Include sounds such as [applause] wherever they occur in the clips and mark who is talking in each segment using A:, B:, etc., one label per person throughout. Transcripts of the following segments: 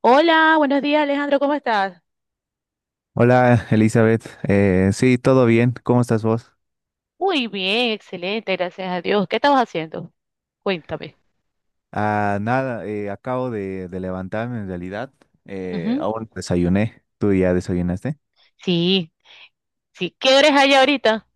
A: Hola, buenos días Alejandro, ¿cómo estás?
B: Hola Elizabeth, sí, todo bien, ¿cómo estás vos?
A: Muy bien, excelente, gracias a Dios. ¿Qué estabas haciendo? Cuéntame.
B: Ah, nada, acabo de levantarme en realidad.
A: Ujú.
B: Aún no desayuné, ¿tú ya desayunaste?
A: Sí, sí. ¿Qué hora es allá ahorita?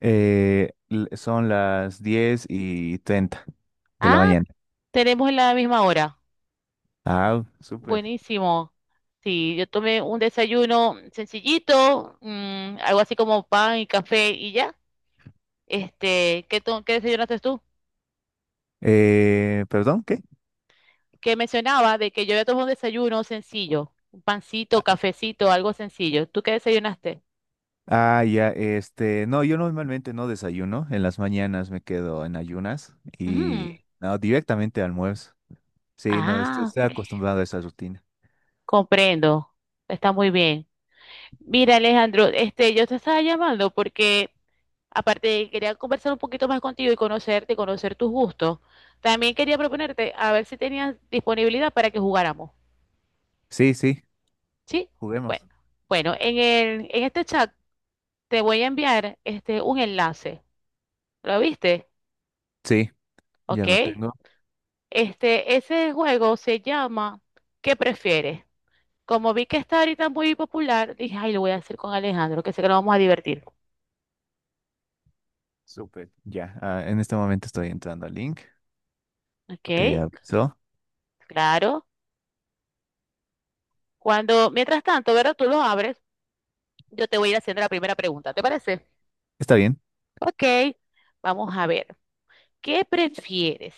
B: Son las 10:30 de la
A: Ah,
B: mañana.
A: tenemos la misma hora.
B: Ah, súper.
A: Buenísimo. Sí, yo tomé un desayuno sencillito, algo así como pan y café y ya. Este, ¿ qué desayunaste tú?
B: ¿Perdón? ¿Qué?
A: Que mencionaba de que yo había tomado un desayuno sencillo, un pancito,
B: Ah,
A: cafecito, algo sencillo. ¿Tú qué desayunaste?
B: ah, ya, este, no, yo normalmente no desayuno, en las mañanas me quedo en ayunas
A: Ujú.
B: y no, directamente almuerzo. Sí, no,
A: Ah,
B: estoy acostumbrado a esa rutina.
A: comprendo, está muy bien. Mira, Alejandro, este, yo te estaba llamando porque aparte de que quería conversar un poquito más contigo y conocerte, conocer tus gustos, también quería proponerte a ver si tenías disponibilidad para que jugáramos.
B: Sí, sí,
A: ¿Sí? Bueno,
B: juguemos.
A: bueno, en este chat te voy a enviar este un enlace. ¿Lo viste?
B: Sí. Ya
A: ¿Ok?
B: lo tengo.
A: Este, ese juego se llama ¿Qué prefieres? Como vi que está ahorita muy popular, dije, ay, lo voy a hacer con Alejandro, que sé que nos vamos a divertir.
B: Súper. Ya, ah, en este momento estoy entrando al link.
A: ¿Ok?
B: Te aviso.
A: Claro. Cuando, mientras tanto, ¿verdad? Tú lo abres, yo te voy a ir haciendo la primera pregunta, ¿te parece?
B: Está bien.
A: Ok, vamos a ver. ¿Qué prefieres?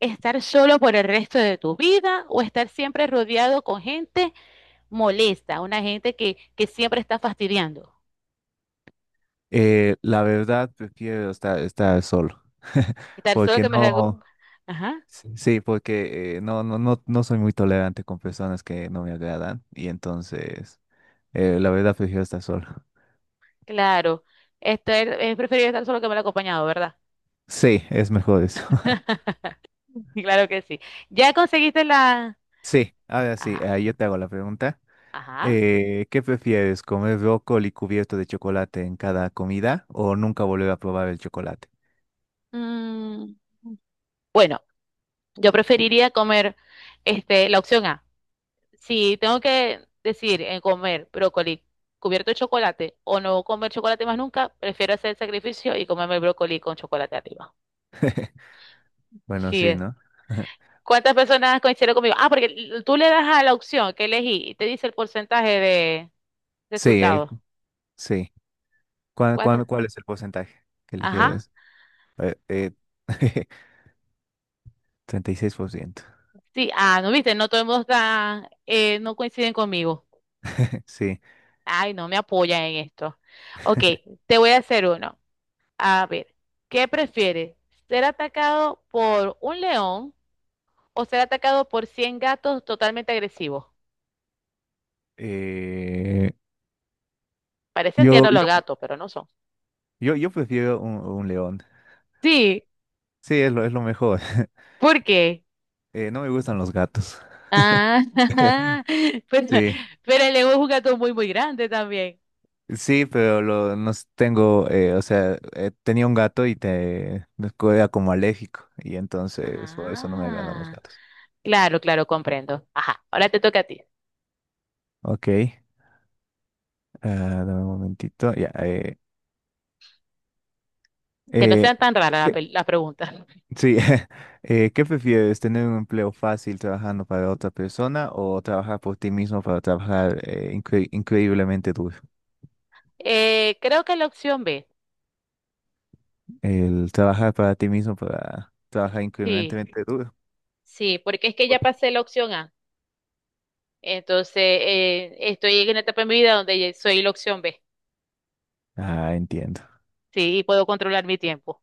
A: ¿Estar solo por el resto de tu vida o estar siempre rodeado con gente molesta, una gente que siempre está fastidiando?
B: La verdad, prefiero estar solo. [laughs]
A: Estar solo
B: Porque
A: que me la... aco-
B: no.
A: Ajá,
B: Sí, sí, porque no, no, no, no soy muy tolerante con personas que no me agradan. Y entonces, la verdad, prefiero estar solo.
A: claro. Estar- es preferible estar solo que me la acompañado, ¿verdad?
B: Sí, es mejor eso. [laughs]
A: [laughs] Claro que sí. ¿Ya conseguiste la...
B: Sí, ahora sí,
A: Ajá,
B: ah, yo te hago la pregunta.
A: ajá.
B: ¿Qué prefieres, comer brócoli cubierto de chocolate en cada comida o nunca volver a probar el chocolate?
A: Mm, bueno, yo preferiría comer este, la opción A. Si tengo que decir en comer brócoli cubierto de chocolate o no comer chocolate más nunca, prefiero hacer el sacrificio y comerme el brócoli con chocolate arriba.
B: Bueno,
A: Sí.
B: sí, ¿no? [laughs]
A: ¿Cuántas personas coincidieron conmigo? Ah, porque tú le das a la opción que elegí y te dice el porcentaje de
B: Sí, él,
A: resultados.
B: sí. ¿Cuál,
A: ¿Cuántas?
B: cuál, cuál es el porcentaje que
A: Ajá.
B: eligieras? Eh, eh, [laughs] 36%.
A: Sí, ah, no viste, no todo el mundo está, no coinciden conmigo.
B: [laughs] Sí.
A: Ay, no me apoyan en esto. Ok, te voy a hacer uno. A ver, ¿qué prefieres? ¿Ser atacado por un león o ser atacado por 100 gatos totalmente agresivos?
B: Eh,
A: Parecen
B: yo,
A: tiernos los
B: yo,
A: gatos, pero no son.
B: yo prefiero un león.
A: Sí,
B: Sí, es lo mejor. [laughs]
A: ¿por qué?
B: No me gustan los gatos.
A: Ah,
B: [laughs]
A: [laughs] pero,
B: Sí,
A: pero el león es un gato muy, muy grande también.
B: sí, pero nos tengo, o sea, tenía un gato y te era como alérgico y entonces por eso no me agradan los
A: Ah,
B: gatos.
A: claro, claro, comprendo. Ajá, ahora te toca a ti.
B: Ok, ah, dame un momentito. Ya,
A: Que no
B: eh,
A: sean tan raras
B: ¿qué,
A: las preguntas. [laughs]
B: sí, [laughs] ¿qué prefieres? ¿Tener un empleo fácil trabajando para otra persona o trabajar por ti mismo para trabajar increíblemente duro?
A: Creo que la opción B.
B: El trabajar para ti mismo para trabajar
A: Sí,
B: increíblemente duro.
A: sí, porque es que ya pasé la opción A. Entonces, estoy en una etapa de mi vida donde ya soy la opción B,
B: Ah, entiendo.
A: sí, y puedo controlar mi tiempo.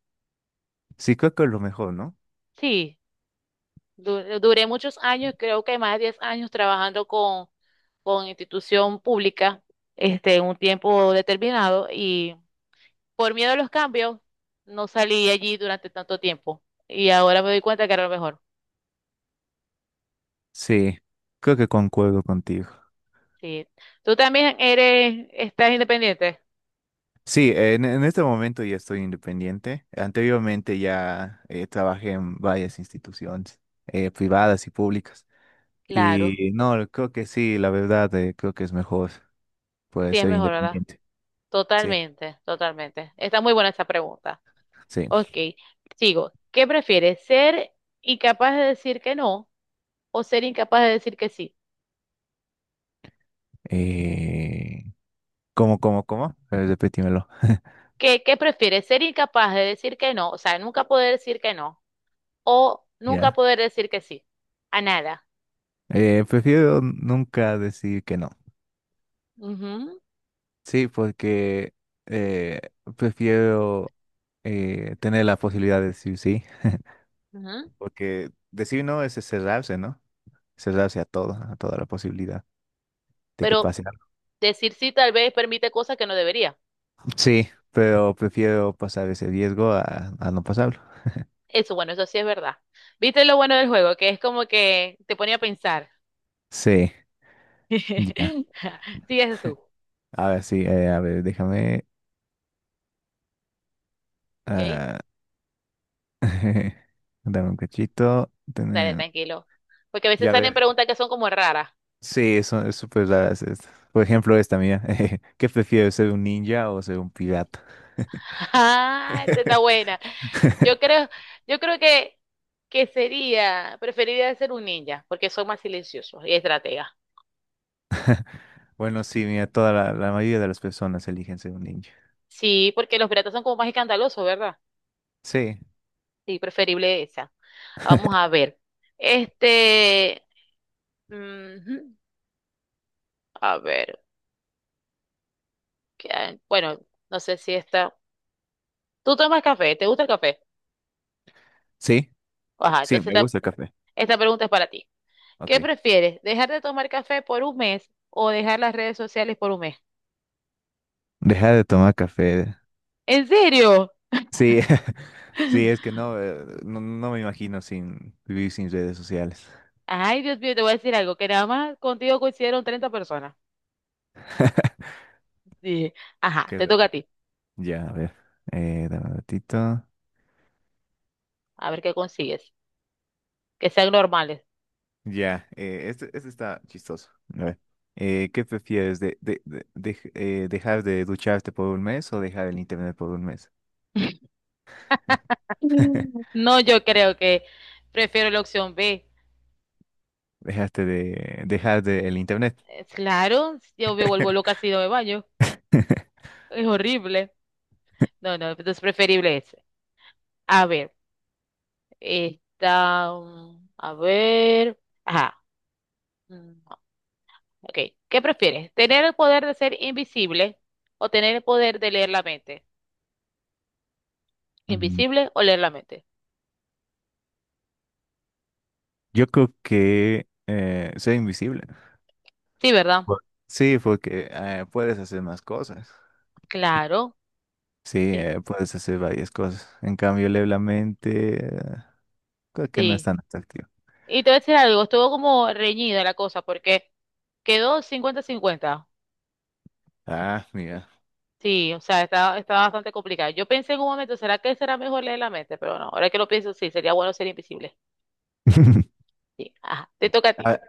B: Sí, creo que es lo mejor, ¿no?
A: Sí, duré muchos años, creo que más de 10 años trabajando con institución pública, este, un tiempo determinado, y por miedo a los cambios, no salí allí durante tanto tiempo. Y ahora me doy cuenta que era lo mejor.
B: Sí, creo que concuerdo contigo.
A: Sí. Tú también eres, estás independiente.
B: Sí, en este momento ya estoy independiente. Anteriormente ya trabajé en varias instituciones privadas y públicas.
A: Claro,
B: Y no, creo que sí, la verdad, creo que es mejor. Puede
A: sí es
B: ser
A: mejor, ¿verdad?
B: independiente. Sí,
A: Totalmente, totalmente. Está muy buena esa pregunta.
B: sí.
A: Ok, sigo. ¿Qué prefieres? ¿Ser incapaz de decir que no o ser incapaz de decir que sí?
B: Eh, ¿cómo? Repítimelo. [laughs]
A: ¿Qué, qué prefieres? ¿Ser incapaz de decir que no? O sea, nunca poder decir que no o nunca
B: Ya.
A: poder decir que sí a nada.
B: Prefiero nunca decir que no.
A: Ujú,
B: Sí, porque eh, prefiero tener la posibilidad de decir sí.
A: ujú.
B: Porque decir no es cerrarse, ¿no? Cerrarse a todo, a toda la posibilidad de que
A: Pero
B: pase algo.
A: decir sí tal vez permite cosas que no debería.
B: Sí, pero prefiero pasar ese riesgo a no pasarlo.
A: Eso, bueno, eso sí es verdad. ¿Viste lo bueno del juego? Que es como que te ponía a pensar.
B: Sí, ya.
A: [laughs] Sí, es tú.
B: A ver, sí, a ver, déjame.
A: Ok,
B: Ah, [laughs] dame un cachito.
A: dale, tranquilo. Porque a veces
B: Ya
A: salen
B: ver.
A: preguntas que son como raras.
B: Sí, eso es súper raras. Por ejemplo, esta mía. [laughs] ¿Qué prefieres, ser un ninja o ser un pirata?
A: Ah, esa está
B: [laughs]
A: buena. Yo creo, yo creo que sería, preferiría ser un ninja, porque son más silenciosos y estrategas.
B: Bueno, sí, mira, toda la mayoría de las personas eligen ser un ninja.
A: Sí, porque los piratas son como más escandalosos, ¿verdad?
B: Sí,
A: Sí, preferible esa. Vamos a ver. Este, ujú, a ver, ¿qué hay? Bueno, no sé si esta. ¿Tú tomas café? ¿Te gusta el café?
B: sí,
A: Ajá,
B: sí,
A: entonces
B: me gusta el café.
A: esta pregunta es para ti. ¿Qué
B: Ok.
A: prefieres? ¿Dejar de tomar café por un mes o dejar las redes sociales por un mes?
B: Dejar de tomar café.
A: ¿En serio?
B: Sí, [laughs] sí, es que no, no me imagino sin vivir sin redes sociales.
A: Ay, Dios mío, te voy a decir algo, que nada más contigo coincidieron 30 personas.
B: [laughs]
A: Dije, ajá,
B: Qué
A: te toca a
B: raro.
A: ti,
B: Ya, a ver. Dame un ratito.
A: a ver qué consigues, que sean normales.
B: Ya, este está chistoso. A ver, ¿qué prefieres? ¿Dejar de ducharte por un mes o dejar el internet por un mes?
A: [laughs]
B: [laughs]
A: No, yo creo que prefiero la opción B.
B: Dejaste de dejar de el internet.
A: Claro, yo me vuelvo loca
B: [laughs]
A: si no me baño, es horrible. No, no, entonces preferible ese. A ver, esta, a ver, ajá, mm, ok, ¿qué prefieres? ¿Tener el poder de ser invisible o tener el poder de leer la mente?
B: Mm,
A: ¿Invisible o leer la mente?
B: Yo creo que ser invisible.
A: Sí, ¿verdad?
B: Sí, porque puedes hacer más cosas. Y-
A: Claro,
B: Sí,
A: sí,
B: puedes hacer varias cosas. En cambio, leer la mente, creo que no es
A: sí.
B: tan atractivo.
A: Y te voy a decir algo, estuvo como reñida la cosa porque quedó 50-50.
B: Ah, mira.
A: Sí, o sea, está bastante complicado. Yo pensé en un momento, ¿será que será mejor leer la mente? Pero no, ahora que lo pienso, sí, sería bueno ser invisible.
B: [laughs]
A: Sí, ajá, te toca a ti.
B: A,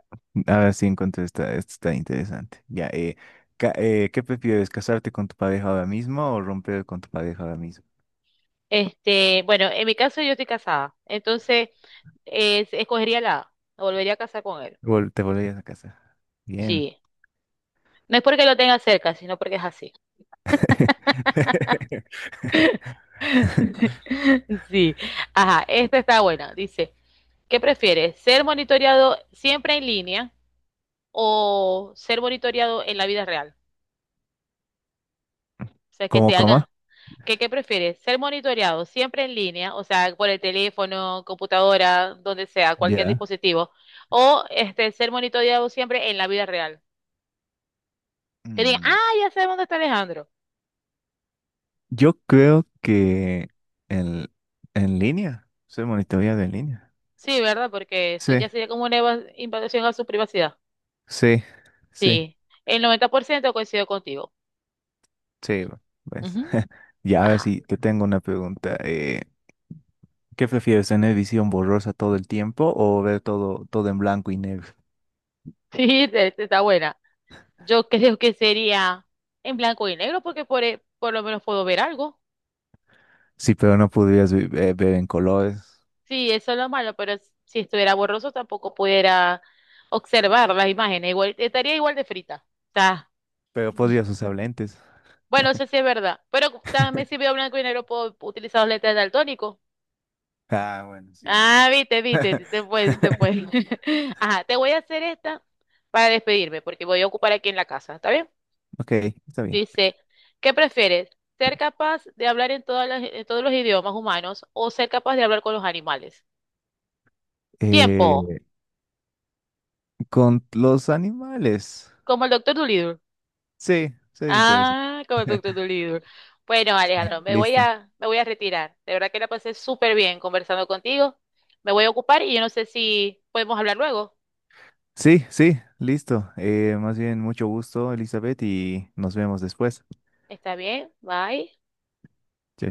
B: a ver si encuentro esta, está interesante. Ya, ¿qué prefieres, casarte con tu pareja ahora mismo o romper con tu pareja ahora mismo?
A: Este, bueno, en mi caso yo estoy casada, entonces escogería la A, me volvería a casar con él.
B: Te volverías a casar. Bien.
A: Sí, no es porque lo tenga cerca, sino porque es así. [laughs]
B: [laughs]
A: Sí, ajá, esta está buena, dice. ¿Qué prefieres? ¿Ser monitoreado siempre en línea o ser monitoreado en la vida real? O sea, que
B: ¿Cómo,
A: te
B: cómo?
A: hagan, ¿qué, qué prefieres? ¿Ser monitoreado siempre en línea, o sea, por el teléfono, computadora, donde sea, cualquier
B: Ya.
A: dispositivo, o este, ser monitoreado siempre en la vida real? Que digan,
B: Mm,
A: ah, ya sabemos dónde está Alejandro.
B: Yo creo que en, en línea, soy monitoreado en línea.
A: Sí, ¿verdad? Porque eso
B: Sí,
A: ya sería como una invasión a su privacidad.
B: sí, sí,
A: Sí, el 90% coincido contigo.
B: sí, pues.
A: Ujú.
B: [laughs] Ya, ahora
A: Ajá.
B: sí, te tengo una pregunta. ¿Qué prefieres, tener visión borrosa todo el tiempo o ver todo en blanco y negro?
A: [laughs] Sí, está buena. Yo creo que sería en blanco y negro porque por, por lo menos puedo ver algo.
B: Sí, pero no podrías ver en colores,
A: Sí, eso es lo malo, pero si estuviera borroso tampoco pudiera observar las imágenes. Igual, estaría igual de frita. O sea,
B: pero podrías usar lentes.
A: bueno, eso sí es verdad. Pero también si veo
B: [laughs]
A: blanco y negro puedo utilizar los letras daltónicos.
B: Ah, bueno, sí, ¿no?
A: Ah, viste, viste, sí se fue, sí se fue.
B: [laughs]
A: [laughs] Ajá, te voy a hacer esta para despedirme porque voy a ocupar aquí en la casa. ¿Está bien?
B: Ok, está bien.
A: Dice, ¿qué prefieres? ¿Ser capaz de hablar en, en todos los idiomas humanos o ser capaz de hablar con los animales? Tiempo,
B: Eh, con los animales.
A: como el doctor Dolittle.
B: Sí, sería interesante.
A: Ah, como el doctor Dolittle. Bueno, Alejandro,
B: Listo.
A: me voy a retirar. De verdad que la pasé súper bien conversando contigo. Me voy a ocupar y yo no sé si podemos hablar luego.
B: Sí, sí, listo. Más bien, mucho gusto, Elizabeth, y nos vemos después.
A: ¿Está bien? Bye.